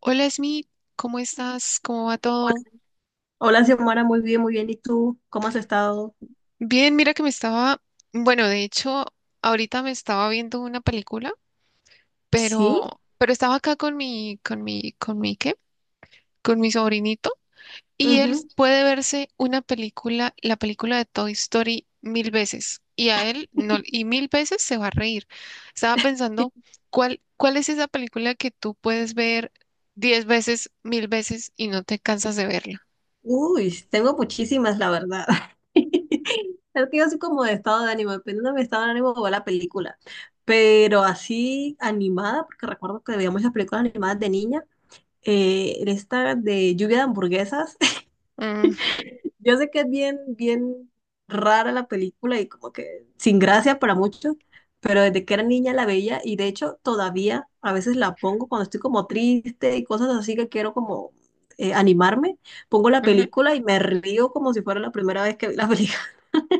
Hola Smith, ¿cómo estás? ¿Cómo va Hola, todo? hola, Xiomara, muy bien, muy bien. ¿Y tú? ¿Cómo has estado? Bien, mira que me estaba, bueno, de hecho, ahorita me estaba viendo una película, Sí, pero estaba acá con mi, ¿qué? Con mi sobrinito y él ujú. puede verse una película, la película de Toy Story mil veces y a él no, y mil veces se va a reír. Estaba pensando, ¿cuál es esa película que tú puedes ver diez veces, mil veces y no te cansas de verla? Uy, tengo muchísimas, la verdad. Es que yo soy como de estado de ánimo, dependiendo de mi estado de ánimo va la película. Pero así animada, porque recuerdo que veíamos las películas animadas de niña, esta de lluvia de hamburguesas, Mm, yo sé que es bien, bien rara la película y como que sin gracia para muchos, pero desde que era niña la veía y de hecho todavía a veces la pongo cuando estoy como triste y cosas así que quiero como animarme, pongo la ujú. película y me río como si fuera la primera vez que vi la película.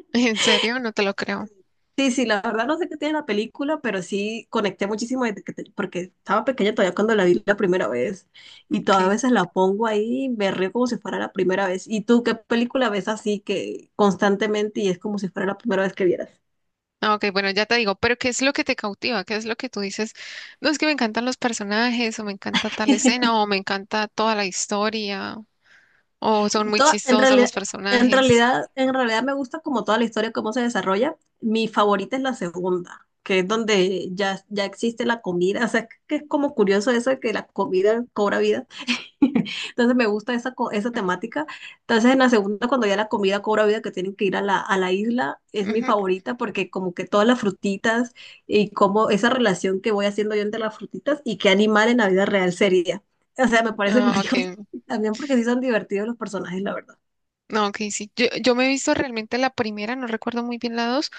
¿En serio? No te lo creo. Sí, sí, la verdad no sé qué tiene la película, pero sí conecté muchísimo desde porque estaba pequeña todavía cuando la vi la primera vez y todavía a Okay. veces la pongo ahí y me río como si fuera la primera vez. ¿Y tú qué película ves así que constantemente y es como si fuera la primera vez que vieras? Ah, ok, bueno, ya te digo, pero ¿qué es lo que te cautiva? ¿Qué es lo que tú dices? No es que me encantan los personajes, o me encanta tal escena, o me encanta toda la historia, o son muy En chistosos los realidad, en personajes. realidad, en realidad me gusta como toda la historia, cómo se desarrolla. Mi favorita es la segunda, que es donde ya existe la comida. O sea, que es como curioso eso de que la comida cobra vida. Entonces me gusta esa temática. Entonces en la segunda, cuando ya la comida cobra vida, que tienen que ir a la isla, es mi Ujú. favorita porque como que todas las frutitas y como esa relación que voy haciendo yo entre las frutitas y qué animal en la vida real sería. O sea, me parece Ah, ok. curioso también porque sí son divertidos los personajes, la verdad. No, ok, sí. Yo me he visto realmente la primera, no recuerdo muy bien la dos,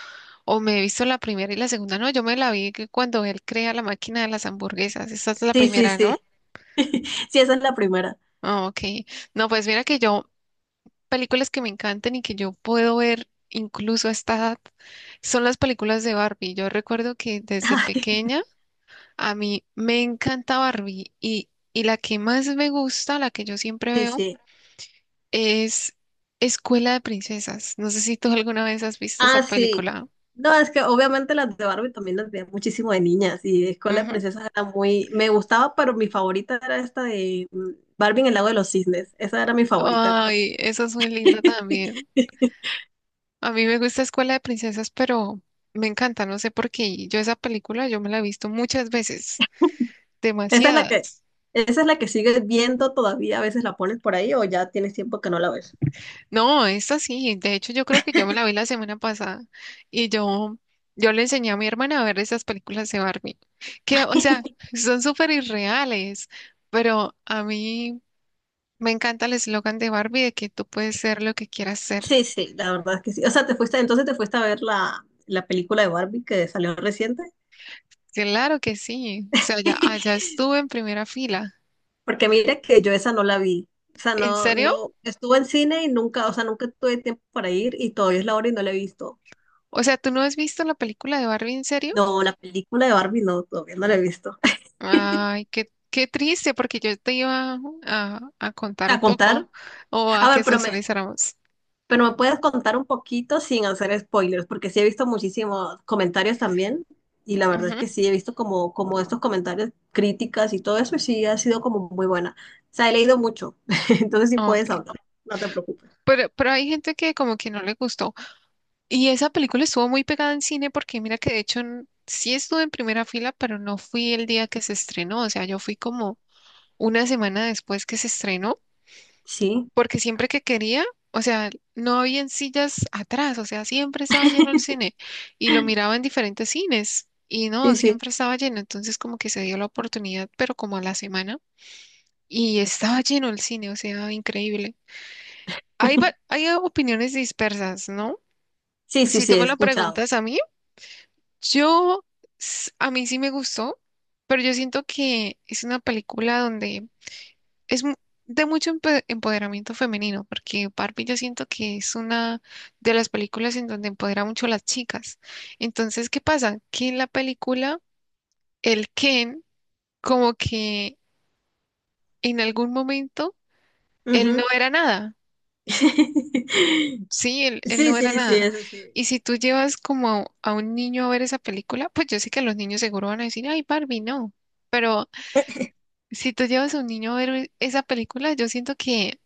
o me he visto la primera y la segunda, no, yo me la vi que cuando él crea la máquina de las hamburguesas. Esa es la Sí, sí, primera, ¿no? sí. Sí, esa es la primera. Ah, ok. No, pues mira que yo películas que me encantan y que yo puedo ver incluso a esta edad son las películas de Barbie. Yo recuerdo que desde Ay, pequeña a mí me encanta Barbie y la que más me gusta, la que yo siempre sí, veo, sí. es Escuela de Princesas. No sé si tú alguna vez has visto esa Ah, sí. película. No, es que obviamente las de Barbie también las veía muchísimo de niñas y Escuela de Ujú. Princesas era muy... Me gustaba, pero mi favorita era esta de Barbie en el lago de los cisnes. Esa era mi favorita de Barbie. Ay, eso es muy lindo también. A mí me gusta Escuela de Princesas, pero me encanta, no sé por qué. Yo esa película yo me la he visto muchas veces, Esa es la que, demasiadas. esa es la que sigues viendo todavía, a veces la pones por ahí o ya tienes tiempo que no la ves. No, esta sí, de hecho yo creo que yo me la vi la semana pasada y yo le enseñé a mi hermana a ver esas películas de Barbie, que o sea, son súper irreales, pero a mí me encanta el eslogan de Barbie de que tú puedes ser lo que quieras ser. Sí, sí, la verdad es que sí. O sea, te fuiste, entonces te fuiste a ver la película de Barbie que salió reciente. Claro que sí, o sea, ya, allá estuve en primera fila. Porque mira que yo esa no la vi. O sea, ¿En no, serio? no, estuve en cine y nunca, o sea, nunca tuve tiempo para ir y todavía es la hora y no la he visto. O sea, ¿tú no has visto la película de Barbie en serio? No, la película de Barbie no, todavía no la he visto. Ay, qué triste, porque yo te iba a contar A un contar, poco o a a ver, que socializáramos. pero me puedes contar un poquito sin hacer spoilers, porque sí he visto muchísimos comentarios también y la verdad es Ujú. que sí he visto como, como estos comentarios, críticas y todo eso y sí ha sido como muy buena. O sea, he leído mucho, entonces sí Ah, puedes ok. hablar, no te preocupes. Pero hay gente que como que no le gustó. Y esa película estuvo muy pegada en cine porque mira que de hecho sí estuve en primera fila, pero no fui el día que se estrenó. O sea, yo fui como una semana después que se estrenó, Sí, porque siempre que quería, o sea, no había sillas atrás, o sea, siempre estaba lleno el cine y lo miraba en diferentes cines y no, sí, sí. siempre estaba lleno. Entonces como que se dio la oportunidad, pero como a la semana y estaba lleno el cine, o sea, increíble. Hay, va- hay opiniones dispersas, ¿no? Sí, sí, Si sí, tú he me lo escuchado. preguntas a mí, yo, a mí sí me gustó, pero yo siento que es una película donde es mu- de mucho empoderamiento femenino, porque Barbie yo siento que es una de las películas en donde empodera mucho a las chicas. Entonces, ¿qué pasa? Que en la película, el Ken, como que en algún momento, él no Ujú. era nada. Sí, él Sí, sí, no era sí, nada. eso sí. Y si tú llevas como a, un niño a ver esa película, pues yo sé que los niños seguro van a decir, ay, Barbie, no. Pero si tú llevas a un niño a ver esa película, yo siento que,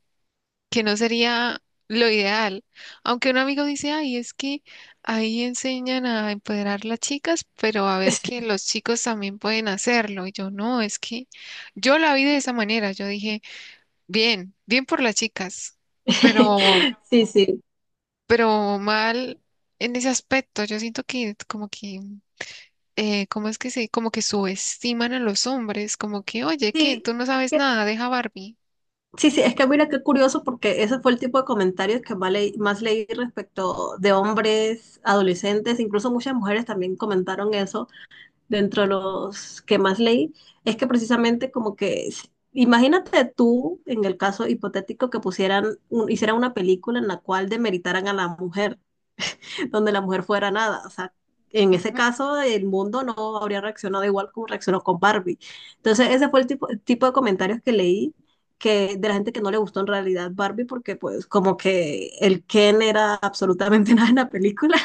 que no sería lo ideal. Aunque un amigo dice, ay, es que ahí enseñan a empoderar las chicas, pero a ver que los chicos también pueden hacerlo. Y yo, no, es que yo la vi de esa manera. Yo dije, bien, bien por las chicas, pero Sí, sí. pero mal en ese aspecto. Yo siento que como que, ¿cómo como que subestiman a los hombres, como que, oye, ¿qué? Sí, Tú no es sabes que- nada, deja Barbie. sí, sí, es que mira qué curioso porque ese fue el tipo de comentarios que más leí respecto de hombres, adolescentes, incluso muchas mujeres también comentaron eso dentro de los que más leí. Es que precisamente como que, imagínate tú, en el caso hipotético, que pusieran, hicieran una película en la cual demeritaran a la mujer. Donde la mujer fuera nada. O sea, en ese Ujú, caso el mundo no habría reaccionado igual como reaccionó con Barbie. Entonces ese fue el tipo de comentarios que leí que de la gente que no le gustó en realidad Barbie porque pues como que el Ken era absolutamente nada en la película,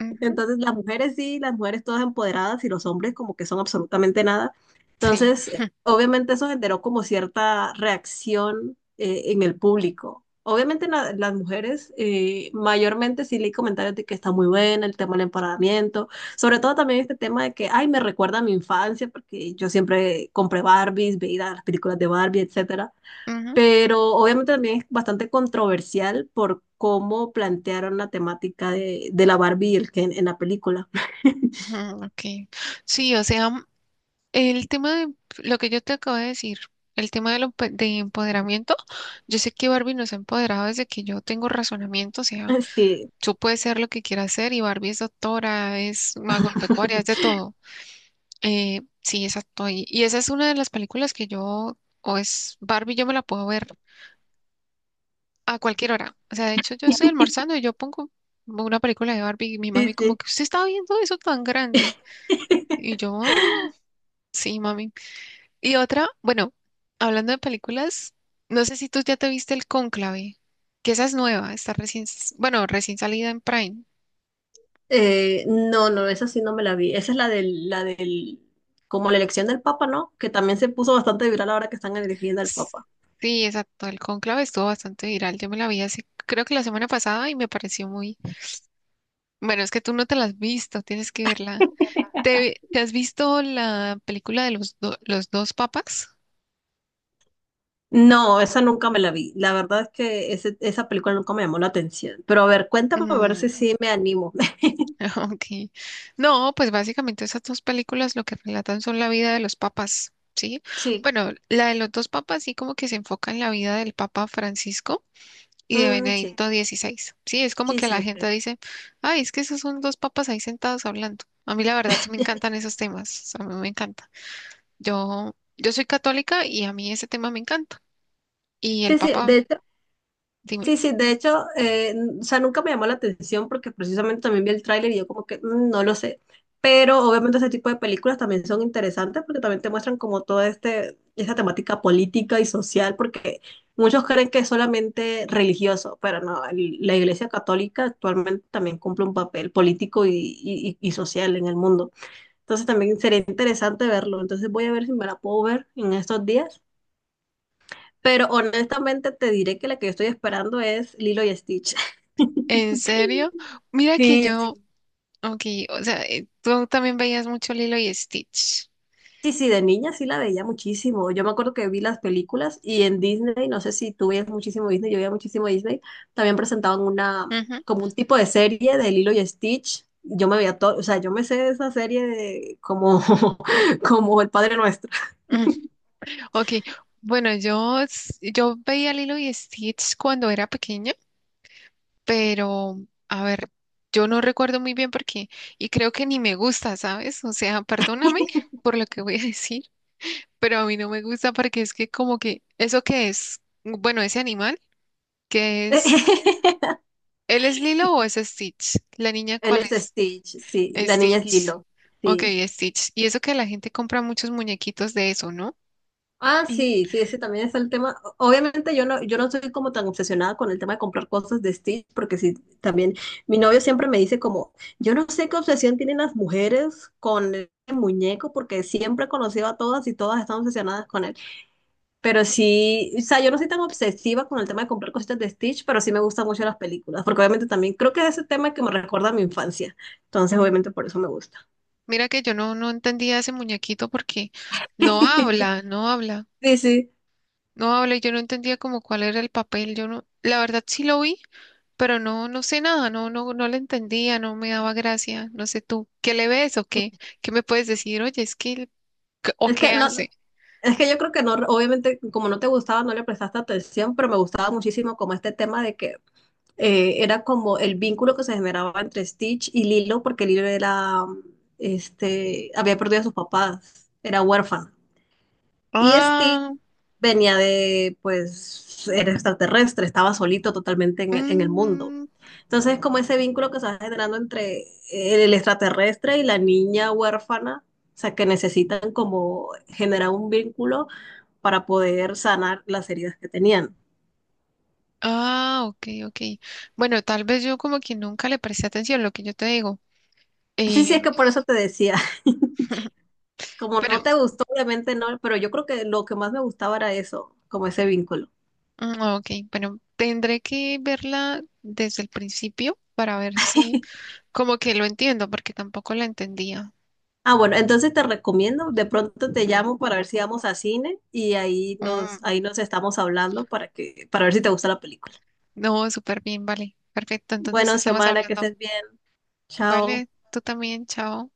ujú, entonces, las mujeres sí, las mujeres todas empoderadas y los hombres como que son absolutamente nada. sí, Entonces, obviamente eso generó como cierta reacción en el público. Obviamente las mujeres mayormente sí leí comentarios de que está muy buena el tema del empoderamiento, sobre todo también este tema de que, ay, me recuerda a mi infancia porque yo siempre compré Barbies, veía las películas de Barbie, etcétera, ujú, pero obviamente también es bastante controversial por cómo plantearon la temática de la Barbie y el Ken en la película. ujú, ok. Sí, o sea, el tema de lo que yo te acabo de decir, el tema de empoderamiento, yo sé que Barbie nos ha empoderado desde que yo tengo razonamiento, o sea, Sí, tú puedes ser lo que quieras ser y Barbie es doctora, es agropecuaria, es de todo. Sí, exacto. Y esa es una de las películas que yo, o es Barbie, yo me la puedo ver a cualquier hora. O sea, de hecho, yo estoy almorzando y yo pongo una película de Barbie y mi mami sí, como sí. que usted está viendo eso tan grande. Y yo, "Ah, sí, mami". Y otra, bueno, hablando de películas, no sé si tú ya te viste El Cónclave, que esa es nueva, está recién, bueno, recién salida en Prime. No, no, esa sí no me la vi. Esa es la del, como la elección del Papa, ¿no? Que también se puso bastante viral ahora que están eligiendo al Papa. Sí, exacto. El Cónclave estuvo bastante viral. Yo me la vi hace, creo que la semana pasada y me pareció muy, bueno, es que tú no te la has visto, tienes que verla. ¿Te has visto la película de los dos papas? No, esa nunca me la vi. La verdad es que esa película nunca me llamó la atención. Pero a ver, cuéntame a ver si Mm, sí me animo. ok. No, pues básicamente esas dos películas lo que relatan son la vida de los papas, ¿sí? Sí, Bueno, la de los dos papas sí como que se enfoca en la vida del Papa Francisco y de mm, sí, Benedicto XVI, ¿sí? Es como sí, que sí, la ok. gente dice, ay, es que esos son dos papas ahí sentados hablando. A mí la verdad sí me encantan esos temas, a mí me encanta. Yo soy católica y a mí ese tema me encanta. Y el Sí, sí, papá, de hecho, dime, sí, sí, de hecho, o sea, nunca me llamó la atención porque precisamente también vi el tráiler y yo como que "Mm, no lo sé". Pero obviamente ese tipo de películas también son interesantes porque también te muestran como toda este, esta temática política y social porque muchos creen que es solamente religioso, pero no, la Iglesia Católica actualmente también cumple un papel político y social en el mundo. Entonces también sería interesante verlo. Entonces voy a ver si me la puedo ver en estos días. Pero honestamente te diré que la que yo estoy esperando es Lilo y Stitch. ¿en serio? Mira que Sí, yo, sí, ok, o sea, tú también veías mucho Lilo y Stitch. sí, sí, de niña sí la veía muchísimo. Yo me acuerdo que vi las películas y en Disney, no sé si tú veías muchísimo Disney, yo veía muchísimo Disney, también presentaban una, Ujú, como un tipo de serie de Lilo y Stitch. Yo me veía todo, o sea, yo me sé esa serie de como, como el Padre Nuestro. ujú, ok, bueno, yo veía Lilo y Stitch cuando era pequeña, pero, a ver, yo no recuerdo muy bien por qué, y creo que ni me gusta, ¿sabes? O sea, perdóname por lo que voy a decir, pero a mí no me gusta porque es que como que, ¿eso qué es? Bueno, ese animal, ¿qué es? ¿Él es Lilo o es Stitch? ¿La niña Él cuál es es? Stitch, sí, la niña es Stitch. Lilo, Ok, sí. Stitch. Y eso que la gente compra muchos muñequitos de eso, ¿no? Ah, Y sí, sí, ese también es el tema. Obviamente yo no, yo no soy como tan obsesionada con el tema de comprar cosas de Stitch, porque sí, también mi novio siempre me dice como, yo no sé qué obsesión tienen las mujeres con el muñeco, porque siempre he conocido a todas y todas están obsesionadas con él. Pero sí, o sea, yo no soy tan obsesiva con el tema de comprar cositas de Stitch, pero sí me gustan mucho las películas, porque obviamente también creo que es ese tema que me recuerda a mi infancia. Entonces, Mm, obviamente por eso me gusta. Mira que yo no entendía ese muñequito porque no habla, no habla, Sí, sí. no habla y yo no entendía como cuál era el papel. Yo no, la verdad sí lo vi, pero no sé nada, no, no, no le entendía, no me daba gracia. No sé tú, ¿qué le ves o qué? ¿Qué me puedes decir? Oye, es que, o Es que qué no, hace? es que yo creo que no, obviamente, como no te gustaba, no le prestaste atención, pero me gustaba muchísimo como este tema de que era como el vínculo que se generaba entre Stitch y Lilo, porque Lilo era, este, había perdido a sus papás, era huérfano. Y Stitch Ah, venía de, pues, era extraterrestre, estaba solito totalmente en en el mundo. mm, Entonces, como ese vínculo que se va generando entre el extraterrestre y la niña huérfana, o sea, que necesitan como generar un vínculo para poder sanar las heridas que tenían. ah, ok, ok. Bueno, tal vez yo como que nunca le presté atención a lo que yo te digo. Sí, sí, Eh, es que por eso te decía, como no pero, te gustó, obviamente no, pero yo creo que lo que más me gustaba era eso, como ese vínculo. Ok, bueno, tendré que verla desde el principio para ver si como que lo entiendo, porque tampoco la entendía. Ah, bueno, entonces te recomiendo, de pronto te llamo para ver si vamos a cine y Mm, ahí nos estamos hablando para que, para ver si te gusta la película. no, súper bien, vale. Perfecto, entonces Bueno, estamos Xiomara, que hablando. estés bien. Chao. Vale, tú también, chao.